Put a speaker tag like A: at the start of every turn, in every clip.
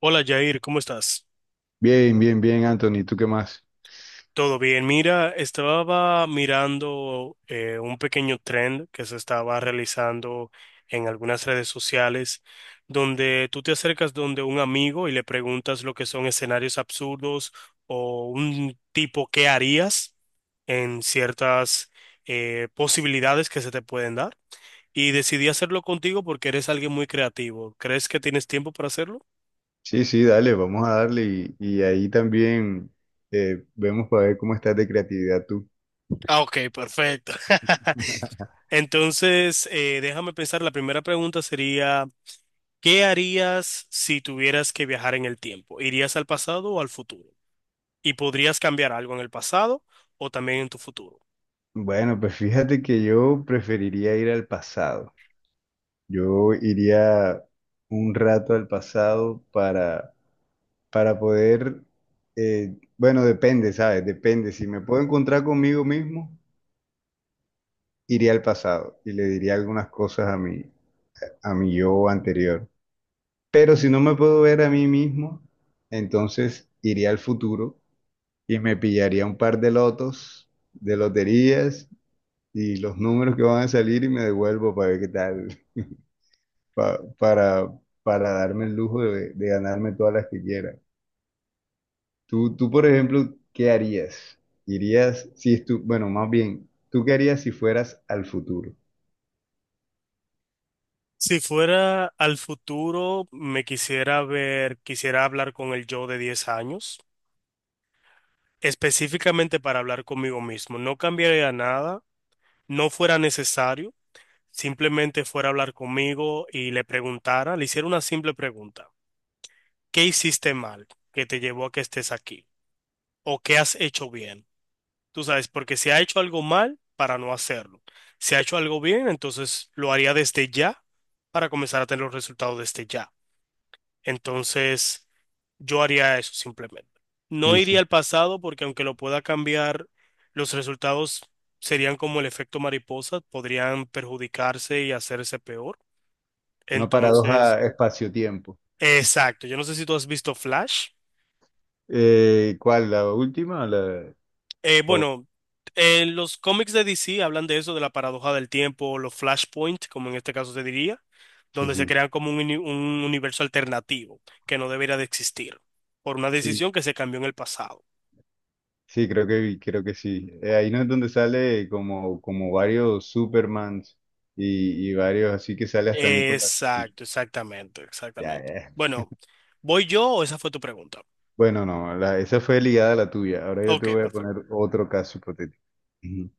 A: Hola Jair, ¿cómo estás?
B: Bien, bien, bien, Anthony, ¿tú qué más?
A: Todo bien. Mira, estaba mirando un pequeño trend que se estaba realizando en algunas redes sociales, donde tú te acercas donde un amigo y le preguntas lo que son escenarios absurdos o un tipo qué harías en ciertas posibilidades que se te pueden dar. Y decidí hacerlo contigo porque eres alguien muy creativo. ¿Crees que tienes tiempo para hacerlo?
B: Sí, sí, dale, vamos a darle y ahí también vemos para ver cómo estás de creatividad tú.
A: Ah, ok, perfecto. Entonces, déjame pensar, la primera pregunta sería, ¿qué harías si tuvieras que viajar en el tiempo? ¿Irías al pasado o al futuro? ¿Y podrías cambiar algo en el pasado o también en tu futuro?
B: Bueno, pues fíjate que yo preferiría ir al pasado. Yo iría un rato al pasado para poder, bueno, depende, ¿sabes? Depende. Si me puedo encontrar conmigo mismo, iría al pasado y le diría algunas cosas a mi yo anterior. Pero si no me puedo ver a mí mismo, entonces iría al futuro y me pillaría un par de lotos, de loterías y los números que van a salir y me devuelvo para ver qué tal, pa- para, para darme el lujo de ganarme todas las que quiera. Tú, por ejemplo, ¿qué harías? Irías, si estu- bueno, más bien, ¿tú qué harías si fueras al futuro?
A: Si fuera al futuro, me quisiera ver, quisiera hablar con el yo de 10 años, específicamente para hablar conmigo mismo. No cambiaría nada, no fuera necesario, simplemente fuera a hablar conmigo y le preguntara, le hiciera una simple pregunta. ¿Qué hiciste mal que te llevó a que estés aquí? ¿O qué has hecho bien? Tú sabes, porque si ha hecho algo mal, para no hacerlo. Si ha hecho algo bien, entonces lo haría desde ya para comenzar a tener los resultados desde ya. Entonces, yo haría eso simplemente. No
B: Sí,
A: iría
B: sí.
A: al pasado porque aunque lo pueda cambiar, los resultados serían como el efecto mariposa, podrían perjudicarse y hacerse peor.
B: Una paradoja
A: Entonces,
B: espacio-tiempo.
A: exacto. Yo no sé si tú has visto Flash.
B: ¿Cuál? ¿La última? ¿O la...? Oh,
A: Bueno, en los cómics de DC hablan de eso, de la paradoja del tiempo, los flashpoint, como en este caso se diría,
B: sí,
A: donde se
B: sí.
A: crean como un, un universo alternativo que no debería de existir por una
B: Sí.
A: decisión que se cambió en el pasado.
B: Sí, creo que sí. Ahí no es donde sale como, como varios Supermans y varios, así que sale hasta Nicolas Cage.
A: Exacto, exactamente,
B: Ya,
A: exactamente.
B: ya.
A: Bueno, ¿voy yo o esa fue tu pregunta?
B: Bueno, no, esa fue ligada a la tuya. Ahora yo te
A: Ok,
B: voy a
A: perfecto.
B: poner otro caso hipotético. Ujú.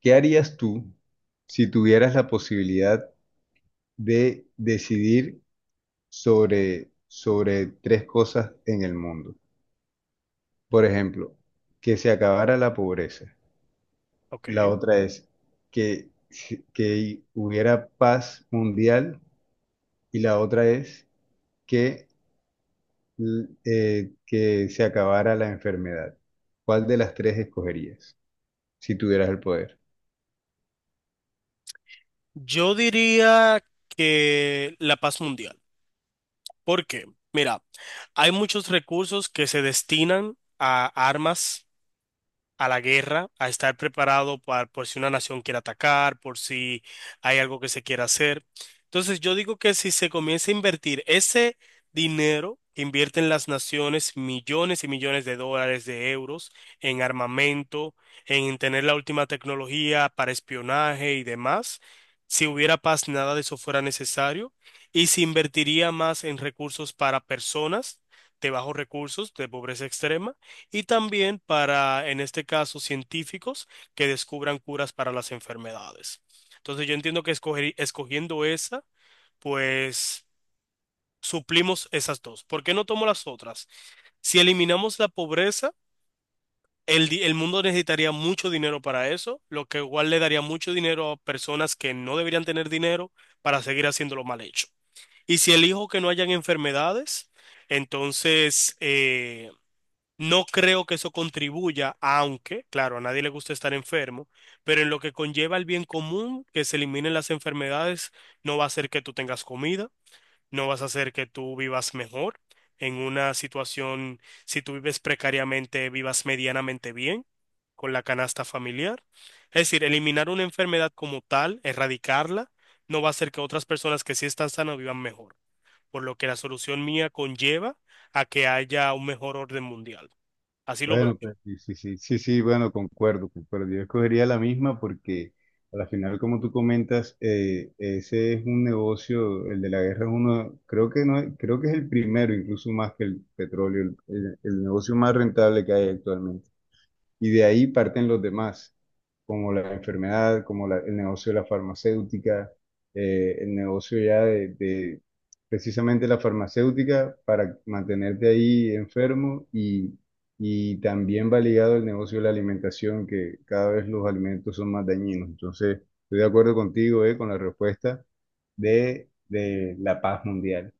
B: ¿Qué harías tú si tuvieras la posibilidad de decidir sobre tres cosas en el mundo? Por ejemplo, que se acabara la pobreza.
A: Ok.
B: La otra es que, que hubiera paz mundial y la otra es que, que se acabara la enfermedad. ¿Cuál de las tres escogerías si tuvieras el poder?
A: Yo diría que la paz mundial. ¿Por qué? Mira, hay muchos recursos que se destinan a armas a la guerra, a estar preparado para, por si una nación quiere atacar, por si hay algo que se quiera hacer. Entonces, yo digo que si se comienza a invertir ese dinero que invierten las naciones, millones y millones de dólares, de euros, en armamento, en tener la última tecnología para espionaje y demás, si hubiera paz, nada de eso fuera necesario, y se invertiría más en recursos para personas de bajos recursos, de pobreza extrema y también para, en este caso, científicos que descubran curas para las enfermedades. Entonces yo entiendo que escogiendo esa, pues suplimos esas dos. ¿Por qué no tomo las otras? Si eliminamos la pobreza, el mundo necesitaría mucho dinero para eso, lo que igual le daría mucho dinero a personas que no deberían tener dinero para seguir haciéndolo mal hecho. Y si elijo que no hayan enfermedades, entonces, no creo que eso contribuya, aunque, claro, a nadie le gusta estar enfermo, pero en lo que conlleva el bien común, que se eliminen las enfermedades, no va a hacer que tú tengas comida, no vas a hacer que tú vivas mejor en una situación, si tú vives precariamente, vivas medianamente bien con la canasta familiar. Es decir, eliminar una enfermedad como tal, erradicarla, no va a hacer que otras personas que sí están sanas vivan mejor, por lo que la solución mía conlleva a que haya un mejor orden mundial. Así lo veo
B: Bueno,
A: yo.
B: pues sí, sí, sí, sí, sí, bueno, concuerdo, concuerdo. Yo escogería la misma porque a la final, como tú comentas, ese es un negocio, el de la guerra es uno, creo que no, creo que es el primero, incluso más que el petróleo, el negocio más rentable que hay actualmente, y de ahí parten los demás, como la enfermedad, como el negocio de la farmacéutica, el negocio ya de precisamente la farmacéutica para mantenerte ahí enfermo y también va ligado el negocio de la alimentación, que cada vez los alimentos son más dañinos. Entonces, estoy de acuerdo contigo, con la respuesta de la paz mundial.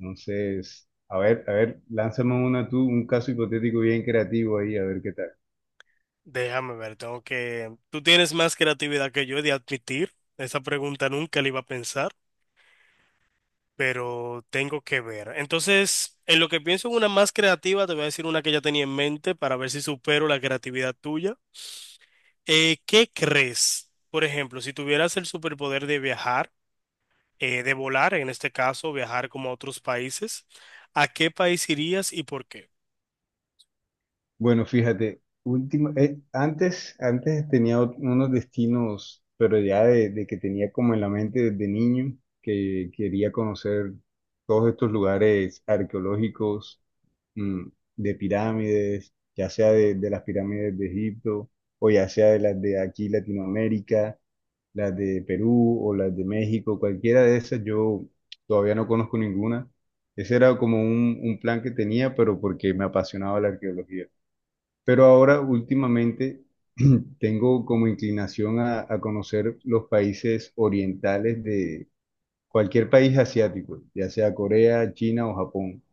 B: Entonces, a ver, lánzame una tú, un caso hipotético bien creativo ahí, a ver qué tal.
A: Déjame ver, tengo que... Tú tienes más creatividad que yo he de admitir. Esa pregunta nunca la iba a pensar, pero tengo que ver. Entonces, en lo que pienso en una más creativa, te voy a decir una que ya tenía en mente para ver si supero la creatividad tuya. ¿Qué crees? Por ejemplo, si tuvieras el superpoder de viajar, de volar, en este caso, viajar como a otros países, ¿a qué país irías y por qué?
B: Bueno, fíjate, último, antes tenía unos destinos, pero ya de que tenía como en la mente desde niño, que quería conocer todos estos lugares arqueológicos, mm, de pirámides, ya sea de las pirámides de Egipto, o ya sea de las de aquí Latinoamérica, las de Perú o las de México, cualquiera de esas, yo todavía no conozco ninguna. Ese era como un plan que tenía, pero porque me apasionaba la arqueología. Pero ahora últimamente tengo como inclinación a conocer los países orientales de cualquier país asiático, ya sea Corea, China o Japón.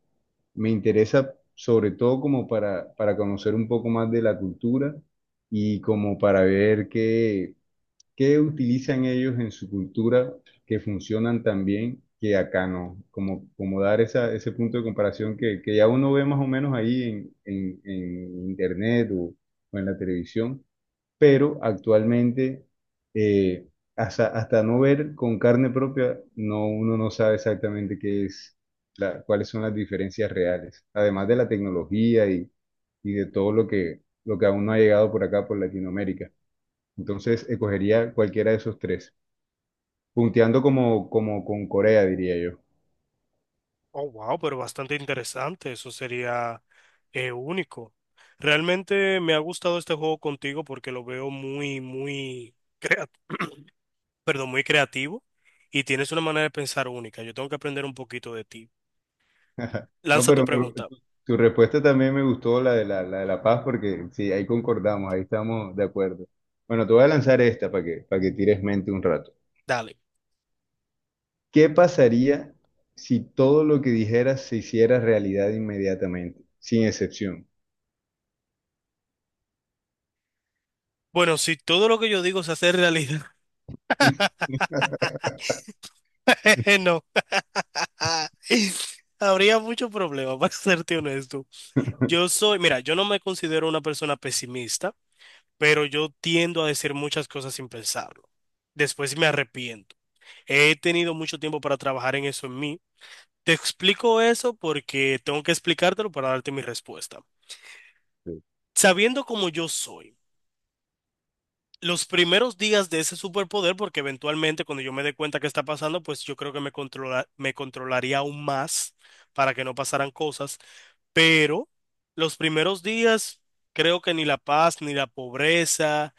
B: Me interesa sobre todo como para conocer un poco más de la cultura y como para ver ¿qué utilizan ellos en su cultura que funcionan tan bien que acá no? Como, como dar esa, ese punto de comparación que ya uno ve más o menos ahí en internet o en la televisión, pero actualmente eh, hasta no ver con carne propia, no, uno no sabe exactamente qué es, cuáles son las diferencias reales, además de la tecnología y de todo lo que aún no ha llegado por acá, por Latinoamérica. Entonces, escogería cualquiera de esos tres, punteando como, como con Corea, diría yo.
A: Oh, wow, pero bastante interesante, eso sería único. Realmente me ha gustado este juego contigo porque lo veo muy, muy, crea- perdón, muy creativo y tienes una manera de pensar única. Yo tengo que aprender un poquito de ti.
B: No,
A: Lanza tu pregunta,
B: tu respuesta también me gustó, la de la de la paz, porque sí, ahí concordamos, ahí estamos de acuerdo. Bueno, te voy a lanzar esta para que tires mente un rato.
A: dale.
B: ¿Qué pasaría si todo lo que dijeras se hiciera realidad inmediatamente, sin excepción?
A: Bueno, si todo lo que yo digo se hace realidad, no. Habría mucho problema, para serte honesto. Yo soy, mira, yo no me considero una persona pesimista, pero yo tiendo a decir muchas cosas sin pensarlo. Después me arrepiento. He tenido mucho tiempo para trabajar en eso en mí. Te explico eso porque tengo que explicártelo para darte mi respuesta.
B: Sí,
A: Sabiendo cómo yo soy. Los primeros días de ese superpoder, porque eventualmente cuando yo me dé cuenta qué está pasando, pues yo creo que me controlaría aún más para que no pasaran cosas. Pero los primeros días, creo que ni la paz, ni la pobreza,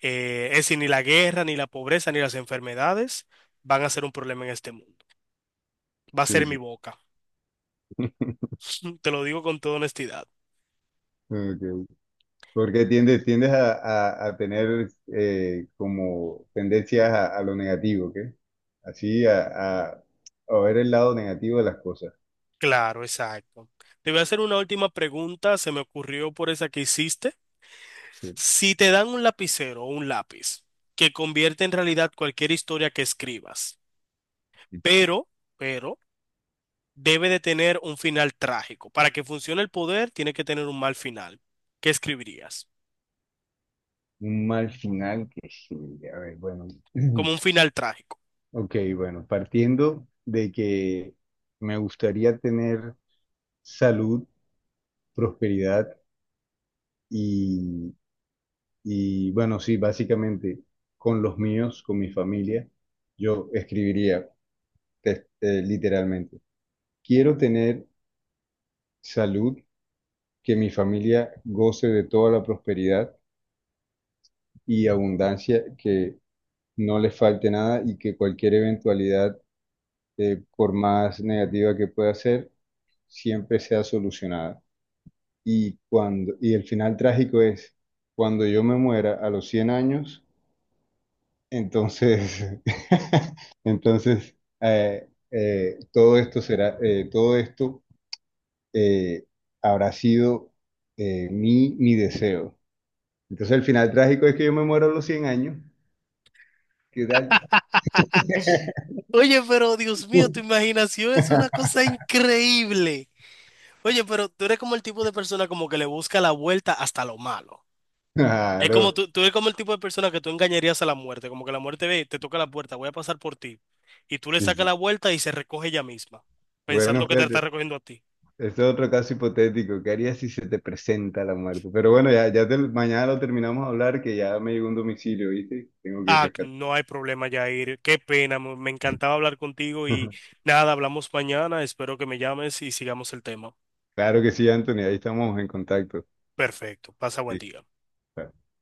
A: es decir, ni la guerra, ni la pobreza, ni las enfermedades van a ser un problema en este mundo. Va a ser
B: sí.
A: mi
B: Sí.
A: boca. Te lo digo con toda honestidad.
B: Ok. Porque tiendes a, a tener como tendencias a lo negativo, ¿ok? Así a ver el lado negativo de las cosas.
A: Claro, exacto. Te voy a hacer una última pregunta. Se me ocurrió por esa que hiciste.
B: Sí.
A: Si te dan un lapicero o un lápiz que convierte en realidad cualquier historia que escribas, pero, pero, debe de tener un final trágico. Para que funcione el poder, tiene que tener un mal final. ¿Qué escribirías?
B: Un mal final que sí, a ver, bueno.
A: Como un final trágico.
B: Ok, bueno, partiendo de que me gustaría tener salud, prosperidad y, y bueno, sí, básicamente con los míos, con mi familia, yo escribiría literalmente. Quiero tener salud, que mi familia goce de toda la prosperidad y abundancia, que no les falte nada y que cualquier eventualidad, por más negativa que pueda ser, siempre sea solucionada. Y el final trágico es, cuando yo me muera a los 100 años, entonces, entonces todo esto será, todo esto eh, habrá sido mi deseo. Entonces el final trágico es que yo me muero a los 100 años. ¿Qué tal?
A: Oye, pero Dios mío, tu imaginación es una cosa increíble. Oye, pero tú eres como el tipo de persona como que le busca la vuelta hasta lo malo. Es como
B: Claro.
A: tú eres como el tipo de persona que tú engañarías a la muerte, como que la muerte ve, te toca la puerta, voy a pasar por ti. Y tú le
B: Sí,
A: sacas
B: sí.
A: la vuelta y se recoge ella misma, pensando
B: Bueno,
A: que te está
B: fíjate,
A: recogiendo a ti.
B: este es otro caso hipotético. ¿Qué harías si se te presenta la muerte? Pero bueno, mañana lo terminamos de hablar, que ya me llegó un domicilio, ¿viste? Tengo que ir
A: Ah,
B: rescatar.
A: no hay problema, Jair. Qué pena, me encantaba hablar contigo y nada, hablamos mañana. Espero que me llames y sigamos el tema.
B: Claro que sí, Anthony, ahí estamos en contacto.
A: Perfecto, pasa buen
B: Sí.
A: día.
B: Claro.